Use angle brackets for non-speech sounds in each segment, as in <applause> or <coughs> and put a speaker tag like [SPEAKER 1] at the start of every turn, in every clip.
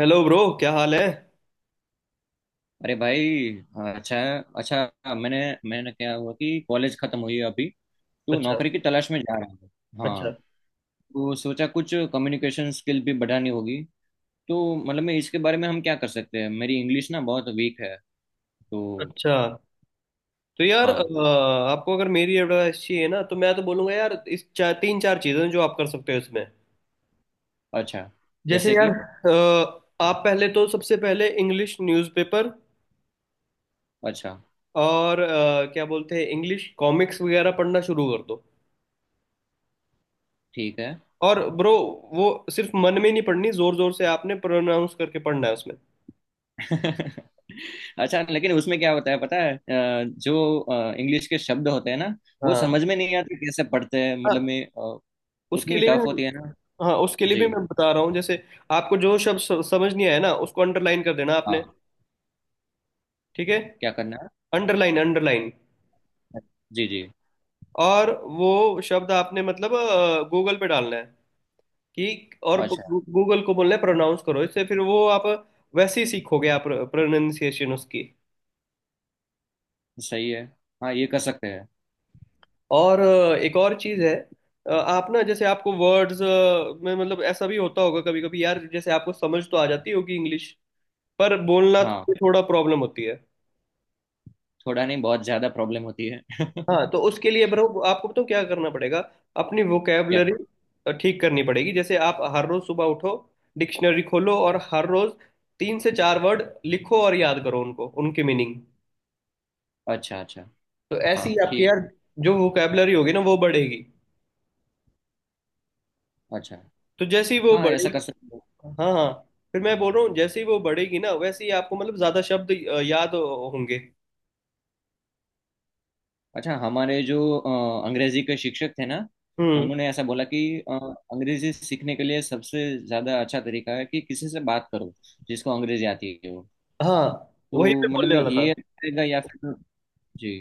[SPEAKER 1] Hello bro, क्या हाल है।
[SPEAKER 2] अरे भाई। हाँ, अच्छा है। अच्छा। मैंने मैंने क्या हुआ कि कॉलेज खत्म हुई है अभी। तो
[SPEAKER 1] अच्छा।
[SPEAKER 2] नौकरी की तलाश में जा रहा हूँ। हाँ।
[SPEAKER 1] अच्छा।
[SPEAKER 2] तो सोचा कुछ कम्युनिकेशन स्किल भी बढ़ानी होगी। तो मतलब मैं इसके बारे में हम क्या कर सकते हैं। मेरी इंग्लिश ना बहुत वीक है। तो।
[SPEAKER 1] अच्छा। तो यार
[SPEAKER 2] हाँ।
[SPEAKER 1] आपको अगर मेरी एडवाइस चाहिए ना तो मैं तो बोलूंगा यार इस चार तीन चार चीजें हैं जो आप कर सकते हो इसमें।
[SPEAKER 2] अच्छा।
[SPEAKER 1] जैसे
[SPEAKER 2] जैसे कि।
[SPEAKER 1] यार आप पहले तो सबसे पहले इंग्लिश न्यूज़पेपर
[SPEAKER 2] अच्छा।
[SPEAKER 1] और क्या बोलते हैं इंग्लिश कॉमिक्स वगैरह पढ़ना शुरू कर दो।
[SPEAKER 2] ठीक है।
[SPEAKER 1] और ब्रो वो सिर्फ मन में नहीं पढ़नी, जोर जोर से आपने प्रोनाउंस करके पढ़ना है उसमें।
[SPEAKER 2] <laughs> अच्छा, लेकिन उसमें क्या होता है पता है, जो इंग्लिश के शब्द होते हैं ना। वो
[SPEAKER 1] हाँ,
[SPEAKER 2] समझ में नहीं आते कैसे पढ़ते हैं, मतलब
[SPEAKER 1] हाँ,
[SPEAKER 2] मैं। अ,
[SPEAKER 1] उसके
[SPEAKER 2] उतनी
[SPEAKER 1] लिए
[SPEAKER 2] टफ
[SPEAKER 1] भी।
[SPEAKER 2] होती है ना।
[SPEAKER 1] हाँ उसके लिए
[SPEAKER 2] जी।
[SPEAKER 1] भी मैं बता रहा हूँ। जैसे आपको जो शब्द समझ नहीं आया ना, उसको अंडरलाइन कर देना आपने।
[SPEAKER 2] हाँ।
[SPEAKER 1] ठीक है,
[SPEAKER 2] क्या करना
[SPEAKER 1] अंडरलाइन, अंडरलाइन।
[SPEAKER 2] है? जी जी।
[SPEAKER 1] और वो शब्द आपने मतलब गूगल पे डालना है कि, और
[SPEAKER 2] अच्छा।
[SPEAKER 1] गूगल को बोलना है प्रोनाउंस करो इससे, फिर वो आप वैसे ही सीखोगे आप, प्रोनाउंसिएशन उसकी।
[SPEAKER 2] सही है। हाँ, ये कर सकते हैं।
[SPEAKER 1] और एक और चीज़ है। आप ना जैसे आपको वर्ड्स में मतलब ऐसा भी होता होगा कभी कभी यार, जैसे आपको समझ तो आ जाती होगी इंग्लिश, पर बोलना
[SPEAKER 2] हाँ।
[SPEAKER 1] तो थोड़ा प्रॉब्लम होती है।
[SPEAKER 2] थोड़ा नहीं, बहुत ज़्यादा प्रॉब्लम होती है।
[SPEAKER 1] हाँ तो उसके लिए ब्रो आपको तो क्या करना पड़ेगा, अपनी
[SPEAKER 2] <laughs> क्या?
[SPEAKER 1] वोकेबलरी ठीक करनी पड़ेगी। जैसे आप हर रोज सुबह उठो, डिक्शनरी खोलो और हर रोज तीन से चार वर्ड लिखो और याद करो उनको, उनकी मीनिंग।
[SPEAKER 2] अच्छा अच्छा।
[SPEAKER 1] तो ऐसी
[SPEAKER 2] हाँ
[SPEAKER 1] ही आपकी
[SPEAKER 2] ठीक
[SPEAKER 1] यार
[SPEAKER 2] है।
[SPEAKER 1] जो वोकेबलरी होगी ना, वो बढ़ेगी।
[SPEAKER 2] अच्छा।
[SPEAKER 1] तो जैसे ही वो
[SPEAKER 2] हाँ, ऐसा कर
[SPEAKER 1] बढ़ेगी,
[SPEAKER 2] सकते हैं।
[SPEAKER 1] हाँ, हाँ, फिर मैं बोल रहा हूँ जैसे ही वो बढ़ेगी ना, वैसे ही आपको मतलब ज्यादा शब्द याद होंगे।
[SPEAKER 2] अच्छा, हमारे जो अंग्रेजी के शिक्षक थे ना,
[SPEAKER 1] हम्म।
[SPEAKER 2] उन्होंने ऐसा बोला कि अ, अंग्रेजी सीखने के लिए सबसे ज़्यादा अच्छा तरीका है कि किसी से बात करो जिसको अंग्रेजी आती है। वो
[SPEAKER 1] हाँ वही
[SPEAKER 2] तो
[SPEAKER 1] मैं
[SPEAKER 2] मतलब
[SPEAKER 1] बोलने
[SPEAKER 2] मैं
[SPEAKER 1] वाला था।
[SPEAKER 2] ये रहेगा या फिर। जी।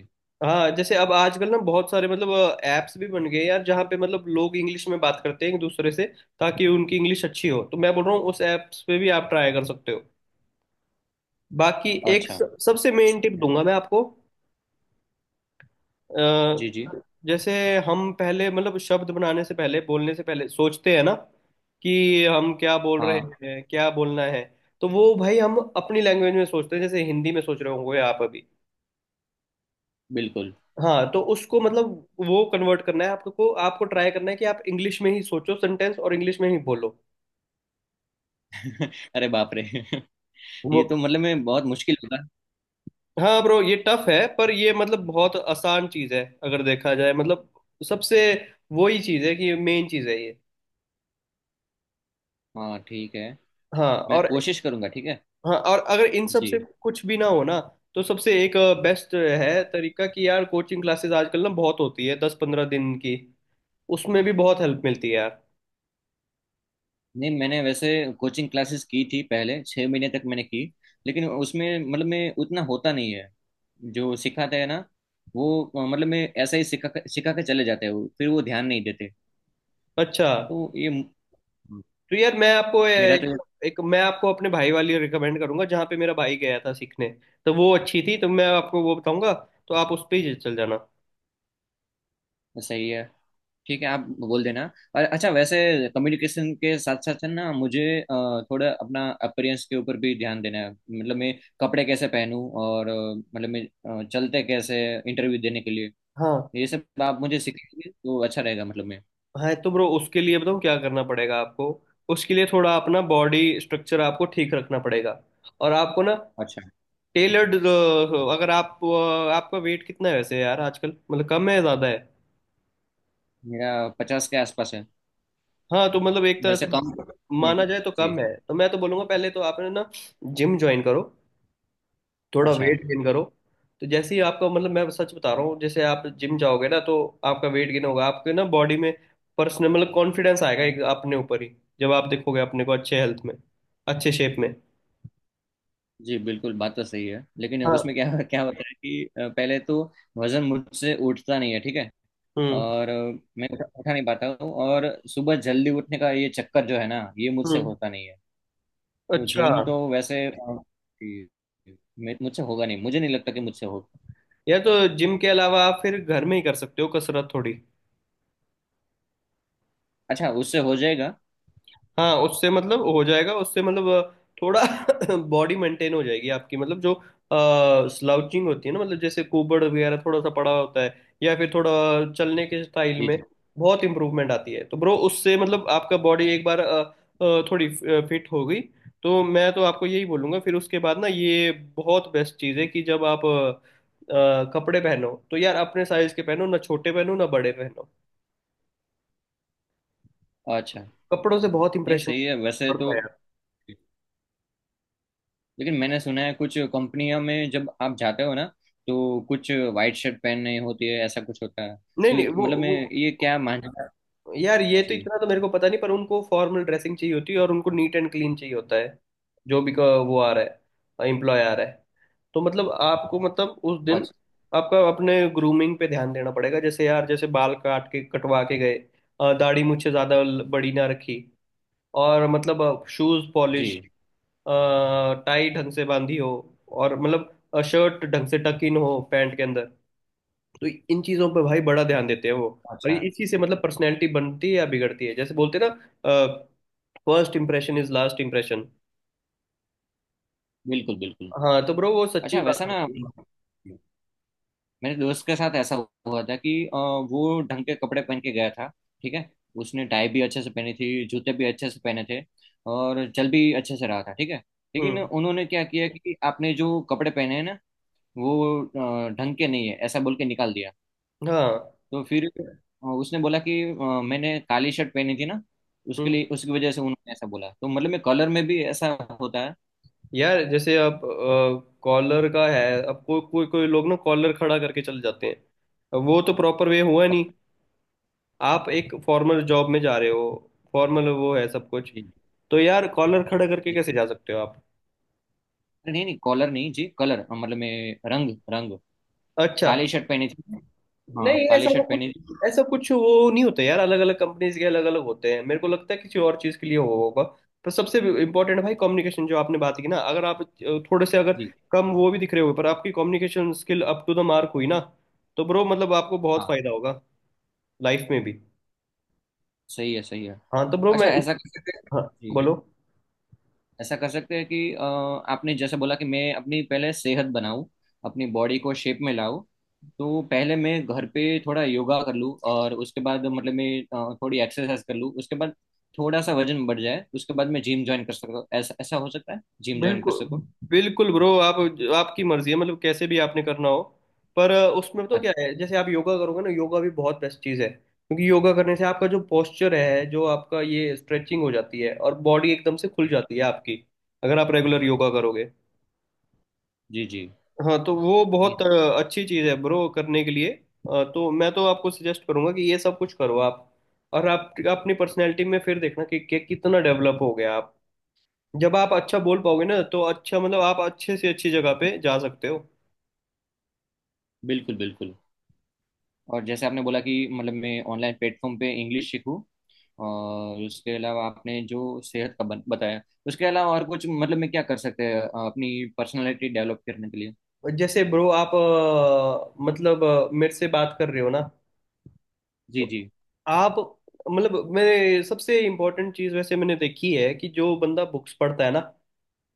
[SPEAKER 1] हाँ जैसे अब आजकल ना बहुत सारे मतलब ऐप्स भी बन गए यार, जहाँ पे मतलब लोग इंग्लिश में बात करते हैं एक दूसरे से, ताकि उनकी इंग्लिश अच्छी हो। तो मैं बोल रहा हूँ उस ऐप्स पे भी आप ट्राई कर सकते हो। बाकी एक
[SPEAKER 2] अच्छा।
[SPEAKER 1] सबसे मेन टिप
[SPEAKER 2] सही है।
[SPEAKER 1] दूंगा मैं आपको।
[SPEAKER 2] जी जी।
[SPEAKER 1] अ, जैसे हम पहले मतलब शब्द बनाने से पहले, बोलने से पहले सोचते हैं ना, कि हम क्या बोल रहे
[SPEAKER 2] हाँ
[SPEAKER 1] हैं, क्या बोलना है। तो वो भाई हम अपनी लैंग्वेज में सोचते हैं, जैसे हिंदी में सोच रहे होंगे आप अभी।
[SPEAKER 2] बिल्कुल।
[SPEAKER 1] हाँ तो उसको मतलब वो कन्वर्ट करना है आपको, आपको ट्राई करना है कि आप इंग्लिश में ही सोचो सेंटेंस और इंग्लिश में ही बोलो।
[SPEAKER 2] <laughs> अरे बाप रे। <laughs>
[SPEAKER 1] वो,
[SPEAKER 2] ये तो मतलब मैं बहुत मुश्किल होगा।
[SPEAKER 1] हाँ ब्रो ये टफ है पर ये मतलब बहुत आसान चीज है अगर देखा जाए। मतलब सबसे वही चीज है कि मेन चीज है ये।
[SPEAKER 2] हाँ ठीक है।
[SPEAKER 1] हाँ
[SPEAKER 2] मैं
[SPEAKER 1] और,
[SPEAKER 2] कोशिश करूंगा, ठीक है।
[SPEAKER 1] हाँ और अगर इन सब से
[SPEAKER 2] जी।
[SPEAKER 1] कुछ भी ना हो ना, तो सबसे एक बेस्ट है तरीका कि यार कोचिंग क्लासेस आजकल ना बहुत होती है, दस पंद्रह दिन की। उसमें भी बहुत हेल्प मिलती है यार।
[SPEAKER 2] नहीं, मैंने वैसे कोचिंग क्लासेस की थी, पहले छः महीने तक मैंने की। लेकिन उसमें मतलब मैं उतना होता नहीं है। जो सिखाते हैं ना, वो मतलब मैं ऐसा ही सिखा सिखा के चले जाते हैं वो, फिर वो ध्यान नहीं देते।
[SPEAKER 1] अच्छा,
[SPEAKER 2] तो ये म-
[SPEAKER 1] तो यार मैं आपको
[SPEAKER 2] मेरा तो ये।
[SPEAKER 1] एक मैं आपको अपने भाई वाली रिकमेंड करूंगा, जहाँ पे मेरा भाई गया था सीखने, तो वो अच्छी थी, तो मैं आपको वो बताऊंगा, तो आप उस पे ही चल जाना।
[SPEAKER 2] सही है। ठीक है, आप बोल देना। और अच्छा, वैसे कम्युनिकेशन के साथ साथ है ना, मुझे थोड़ा अपना अपीयरेंस के ऊपर भी ध्यान देना है, मतलब मैं कपड़े कैसे पहनूं और मतलब मैं चलते कैसे इंटरव्यू देने के लिए,
[SPEAKER 1] हाँ,
[SPEAKER 2] ये सब आप मुझे सिखाएंगे तो अच्छा रहेगा, मतलब मैं।
[SPEAKER 1] हाँ तो ब्रो उसके लिए बताऊँ क्या करना पड़ेगा आपको। उसके लिए थोड़ा अपना बॉडी स्ट्रक्चर आपको ठीक रखना पड़ेगा। और आपको ना
[SPEAKER 2] अच्छा।
[SPEAKER 1] टेलर्ड, अगर आपका वेट कितना है वैसे यार आजकल, मतलब कम है, ज़्यादा है।
[SPEAKER 2] मेरा पचास के आसपास है।
[SPEAKER 1] हाँ तो मतलब एक तरह
[SPEAKER 2] वैसे
[SPEAKER 1] से
[SPEAKER 2] कम।
[SPEAKER 1] माना
[SPEAKER 2] हम्म।
[SPEAKER 1] जाए तो
[SPEAKER 2] जी।
[SPEAKER 1] कम है, तो मैं तो बोलूंगा पहले तो आपने ना जिम ज्वाइन करो, थोड़ा
[SPEAKER 2] अच्छा।
[SPEAKER 1] वेट गेन करो। तो जैसे ही आपका मतलब मैं सच बता रहा हूँ, जैसे आप जिम जाओगे ना, तो आपका वेट गेन होगा आपके ना बॉडी में, पर्सनल मतलब कॉन्फिडेंस आएगा एक अपने ऊपर ही, जब आप देखोगे अपने को अच्छे हेल्थ में, अच्छे शेप में।
[SPEAKER 2] जी बिल्कुल, बात तो सही है। लेकिन
[SPEAKER 1] हाँ।
[SPEAKER 2] उसमें क्या क्या होता है कि पहले तो वजन मुझसे उठता नहीं है, ठीक है।
[SPEAKER 1] हम्म।
[SPEAKER 2] और मैं उठा नहीं पाता हूँ, और सुबह जल्दी उठने का ये चक्कर जो है ना ये मुझसे
[SPEAKER 1] हम्म।
[SPEAKER 2] होता नहीं है। तो
[SPEAKER 1] अच्छा।
[SPEAKER 2] जिम तो वैसे मुझसे होगा नहीं, मुझे नहीं लगता कि मुझसे होगा।
[SPEAKER 1] या तो जिम के अलावा आप फिर घर में ही कर सकते हो कसरत थोड़ी।
[SPEAKER 2] अच्छा उससे हो जाएगा।
[SPEAKER 1] हाँ उससे मतलब हो जाएगा, उससे मतलब थोड़ा <coughs> <laughs> बॉडी मेंटेन हो जाएगी आपकी। मतलब जो स्लाउचिंग होती है ना, मतलब जैसे कुबड़ वगैरह थोड़ा सा पड़ा होता है, या फिर थोड़ा चलने के स्टाइल
[SPEAKER 2] जी
[SPEAKER 1] में
[SPEAKER 2] जी।
[SPEAKER 1] बहुत इंप्रूवमेंट आती है। तो ब्रो उससे मतलब आपका बॉडी एक बार थोड़ी फिट हो गई, तो मैं तो आपको यही बोलूंगा फिर उसके बाद ना, ये बहुत बेस्ट चीज़ है कि जब आप कपड़े पहनो तो यार अपने साइज के पहनो, ना छोटे पहनो ना बड़े पहनो।
[SPEAKER 2] अच्छा।
[SPEAKER 1] कपड़ों से बहुत
[SPEAKER 2] नहीं
[SPEAKER 1] इंप्रेशन
[SPEAKER 2] सही है वैसे तो,
[SPEAKER 1] पड़ता है।
[SPEAKER 2] लेकिन मैंने सुना है कुछ कंपनियों में जब आप जाते हो ना तो कुछ वाइट शर्ट पहननी होती है, ऐसा कुछ होता है,
[SPEAKER 1] नहीं नहीं,
[SPEAKER 2] तो
[SPEAKER 1] वो
[SPEAKER 2] मतलब मैं
[SPEAKER 1] वो
[SPEAKER 2] ये क्या मान।
[SPEAKER 1] यार, ये तो
[SPEAKER 2] जी।
[SPEAKER 1] इतना तो मेरे को पता नहीं, पर उनको फॉर्मल ड्रेसिंग चाहिए होती है और उनको नीट एंड क्लीन चाहिए होता है। जो भी का वो आ रहा है, एम्प्लॉय आ रहा है, तो मतलब आपको मतलब उस दिन
[SPEAKER 2] अच्छा।
[SPEAKER 1] आपका अपने ग्रूमिंग पे ध्यान देना पड़ेगा। जैसे यार जैसे बाल काट के कटवा के गए, दाढ़ी मुझसे ज़्यादा बड़ी ना रखी, और मतलब शूज़ पॉलिश,
[SPEAKER 2] जी।
[SPEAKER 1] टाई ढंग से बांधी हो, और मतलब शर्ट ढंग से टक इन हो पैंट के अंदर। तो इन चीजों पर भाई बड़ा ध्यान देते हैं वो, और
[SPEAKER 2] अच्छा।
[SPEAKER 1] इसी से मतलब पर्सनैलिटी बनती है या बिगड़ती है। जैसे बोलते हैं ना, first impression is last impression.
[SPEAKER 2] बिल्कुल बिल्कुल।
[SPEAKER 1] हाँ तो ब्रो वो सच्ची
[SPEAKER 2] अच्छा
[SPEAKER 1] बात
[SPEAKER 2] वैसा ना
[SPEAKER 1] होती है।
[SPEAKER 2] मेरे दोस्त के साथ ऐसा हुआ था कि वो ढंग के कपड़े पहन के गया था, ठीक है। उसने टाई भी अच्छे से पहनी थी, जूते भी अच्छे से पहने थे, और चल भी अच्छे से रहा था, ठीक है। लेकिन
[SPEAKER 1] हम्म।
[SPEAKER 2] उन्होंने क्या किया कि आपने जो कपड़े पहने हैं ना वो ढंग के नहीं है, ऐसा बोल के निकाल दिया।
[SPEAKER 1] हाँ।
[SPEAKER 2] तो फिर उसने बोला कि मैंने काली शर्ट पहनी थी ना, उसके
[SPEAKER 1] हम्म।
[SPEAKER 2] लिए उसकी वजह से उन्होंने ऐसा बोला, तो मतलब मैं कलर में भी ऐसा होता है।
[SPEAKER 1] यार जैसे आप कॉलर का है, अब कोई कोई कोई लोग ना कॉलर खड़ा करके चले जाते हैं, अब वो तो प्रॉपर वे हुआ नहीं। आप एक फॉर्मल जॉब में जा रहे हो, फॉर्मल वो है सब कुछ,
[SPEAKER 2] जी
[SPEAKER 1] तो यार कॉलर खड़ा करके
[SPEAKER 2] जी।
[SPEAKER 1] कैसे जा सकते हो आप।
[SPEAKER 2] नहीं नहीं कॉलर नहीं, जी, कलर, मतलब मैं रंग रंग।
[SPEAKER 1] अच्छा,
[SPEAKER 2] काली शर्ट पहनी थी। हाँ
[SPEAKER 1] नहीं
[SPEAKER 2] काली
[SPEAKER 1] ऐसा तो
[SPEAKER 2] शर्ट
[SPEAKER 1] कुछ,
[SPEAKER 2] पहनी थी।
[SPEAKER 1] ऐसा कुछ वो नहीं होता यार, अलग अलग कंपनीज के अलग अलग होते हैं, मेरे को लगता है किसी और चीज के लिए हो होगा। पर सबसे इम्पोर्टेंट भाई कम्युनिकेशन, जो आपने बात की ना, अगर आप थोड़े से अगर
[SPEAKER 2] जी।
[SPEAKER 1] कम वो भी दिख रहे हो, पर आपकी communication skill up to the mark हुई ना, तो ब्रो मतलब आपको बहुत
[SPEAKER 2] हाँ
[SPEAKER 1] फायदा होगा, लाइफ में भी।
[SPEAKER 2] सही है सही है।
[SPEAKER 1] हाँ तो ब्रो
[SPEAKER 2] अच्छा
[SPEAKER 1] मैं।
[SPEAKER 2] ऐसा कर सकते हैं।
[SPEAKER 1] हाँ।
[SPEAKER 2] जी।
[SPEAKER 1] बोलो।
[SPEAKER 2] ऐसा कर सकते हैं कि आपने जैसे बोला कि मैं अपनी पहले सेहत बनाऊं, अपनी बॉडी को शेप में लाऊं, तो पहले मैं घर पे थोड़ा योगा कर लूं, और उसके बाद मतलब मैं थोड़ी एक्सरसाइज कर लूं, उसके बाद थोड़ा सा वजन बढ़ जाए, उसके बाद मैं जिम ज्वाइन कर सकता हूं, ऐसा ऐसा हो सकता है जिम ज्वाइन कर सकूं।
[SPEAKER 1] बिल्कुल, बिल्कुल ब्रो, आप, आपकी मर्जी है मतलब कैसे भी आपने करना हो। पर उसमें तो
[SPEAKER 2] अच्छा।
[SPEAKER 1] क्या है, जैसे आप योगा करोगे ना, योगा भी बहुत बेस्ट चीज़ है क्योंकि योगा करने से आपका जो पोस्चर है, जो आपका ये स्ट्रेचिंग हो जाती है और बॉडी एकदम से खुल जाती है आपकी, अगर आप रेगुलर योगा करोगे।
[SPEAKER 2] जी जी।
[SPEAKER 1] हाँ तो वो
[SPEAKER 2] नहीं,
[SPEAKER 1] बहुत अच्छी चीज़ है ब्रो करने के लिए। तो मैं तो आपको सजेस्ट करूंगा कि ये सब कुछ करो आप, और आप अपनी पर्सनैलिटी में फिर देखना कि, कितना डेवलप हो गया आप। जब आप अच्छा बोल पाओगे ना, तो अच्छा मतलब आप अच्छे से अच्छी जगह पे जा सकते हो।
[SPEAKER 2] बिल्कुल बिल्कुल। और जैसे आपने बोला कि मतलब मैं ऑनलाइन प्लेटफॉर्म पे इंग्लिश सीखूं, और उसके अलावा आपने जो सेहत का बताया, उसके अलावा और कुछ मतलब मैं क्या कर सकते हैं अपनी पर्सनालिटी डेवलप करने के लिए?
[SPEAKER 1] जैसे ब्रो आप मतलब मेरे से बात कर रहे हो ना,
[SPEAKER 2] जी
[SPEAKER 1] तो
[SPEAKER 2] जी।
[SPEAKER 1] आप मतलब मेरे सबसे इम्पोर्टेंट चीज़ वैसे मैंने देखी है कि जो बंदा बुक्स पढ़ता है ना,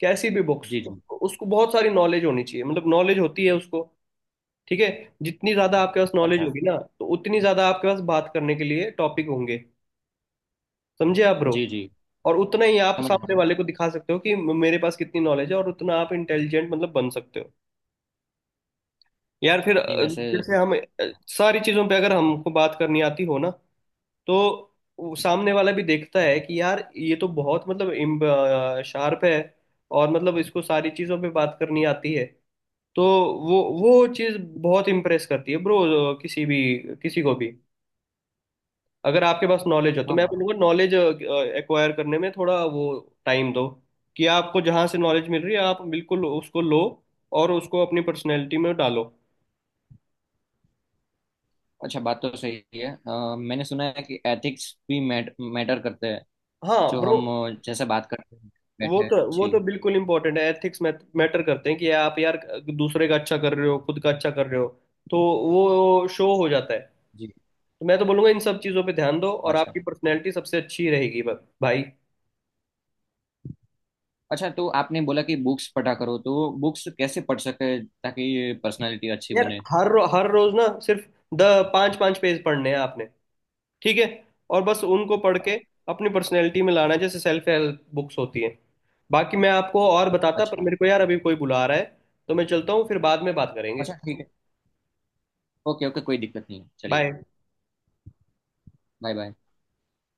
[SPEAKER 1] कैसी भी बुक्स,
[SPEAKER 2] जी जी।
[SPEAKER 1] उसको बहुत सारी नॉलेज होनी चाहिए, मतलब नॉलेज होती है उसको। ठीक है, जितनी ज़्यादा आपके पास नॉलेज
[SPEAKER 2] अच्छा।
[SPEAKER 1] होगी ना, तो उतनी ज़्यादा आपके पास बात करने के लिए टॉपिक होंगे। समझे आप ब्रो,
[SPEAKER 2] जी जी।
[SPEAKER 1] और उतना ही आप
[SPEAKER 2] समझ रहा
[SPEAKER 1] सामने
[SPEAKER 2] हूँ।
[SPEAKER 1] वाले को दिखा सकते हो कि मेरे पास कितनी नॉलेज है, और उतना आप इंटेलिजेंट मतलब बन सकते हो। यार फिर
[SPEAKER 2] नहीं वैसे।
[SPEAKER 1] जैसे हम सारी चीजों पे अगर हमको बात करनी आती हो ना, तो वो सामने वाला भी देखता है कि यार ये तो बहुत मतलब शार्प है, और मतलब इसको सारी चीजों पे बात करनी आती है। तो वो चीज बहुत इम्प्रेस करती है ब्रो किसी भी, किसी को भी। अगर आपके पास नॉलेज हो, तो
[SPEAKER 2] हाँ
[SPEAKER 1] मैं
[SPEAKER 2] बात।
[SPEAKER 1] बोलूँगा नॉलेज एक्वायर करने में थोड़ा वो टाइम दो, कि आपको जहाँ से नॉलेज मिल रही है आप बिल्कुल उसको लो, और उसको अपनी पर्सनैलिटी में डालो।
[SPEAKER 2] अच्छा, बात तो सही है। मैंने सुना है कि एथिक्स भी मैटर करते हैं।
[SPEAKER 1] हाँ
[SPEAKER 2] जो
[SPEAKER 1] ब्रो,
[SPEAKER 2] हम जैसे बात करते हैं
[SPEAKER 1] वो
[SPEAKER 2] बैठे हैं।
[SPEAKER 1] तो वो
[SPEAKER 2] जी।
[SPEAKER 1] तो बिल्कुल इंपॉर्टेंट है, एथिक्स मैटर करते हैं कि आप यार दूसरे का अच्छा कर रहे हो, खुद का अच्छा कर रहे हो, तो वो शो हो जाता है।
[SPEAKER 2] जी।
[SPEAKER 1] तो मैं तो बोलूँगा इन सब चीज़ों पे ध्यान दो और
[SPEAKER 2] अच्छा।
[SPEAKER 1] आपकी पर्सनैलिटी सबसे अच्छी रहेगी भाई।
[SPEAKER 2] अच्छा तो आपने बोला कि बुक्स पढ़ा करो, तो बुक्स कैसे पढ़ सके ताकि पर्सनालिटी अच्छी
[SPEAKER 1] यार
[SPEAKER 2] बने?
[SPEAKER 1] हर रोज ना सिर्फ द पाँच पाँच पेज पढ़ने हैं आपने। ठीक है, और बस उनको पढ़ के अपनी पर्सनैलिटी में लाना है, जैसे सेल्फ हेल्प बुक्स होती हैं। बाकी मैं आपको और बताता पर
[SPEAKER 2] अच्छा।
[SPEAKER 1] मेरे को यार अभी कोई बुला रहा है, तो मैं चलता हूँ, फिर बाद में बात करेंगे।
[SPEAKER 2] अच्छा ठीक है। ओके ओके कोई दिक्कत नहीं है, चलिए।
[SPEAKER 1] बाय।
[SPEAKER 2] Bye bye.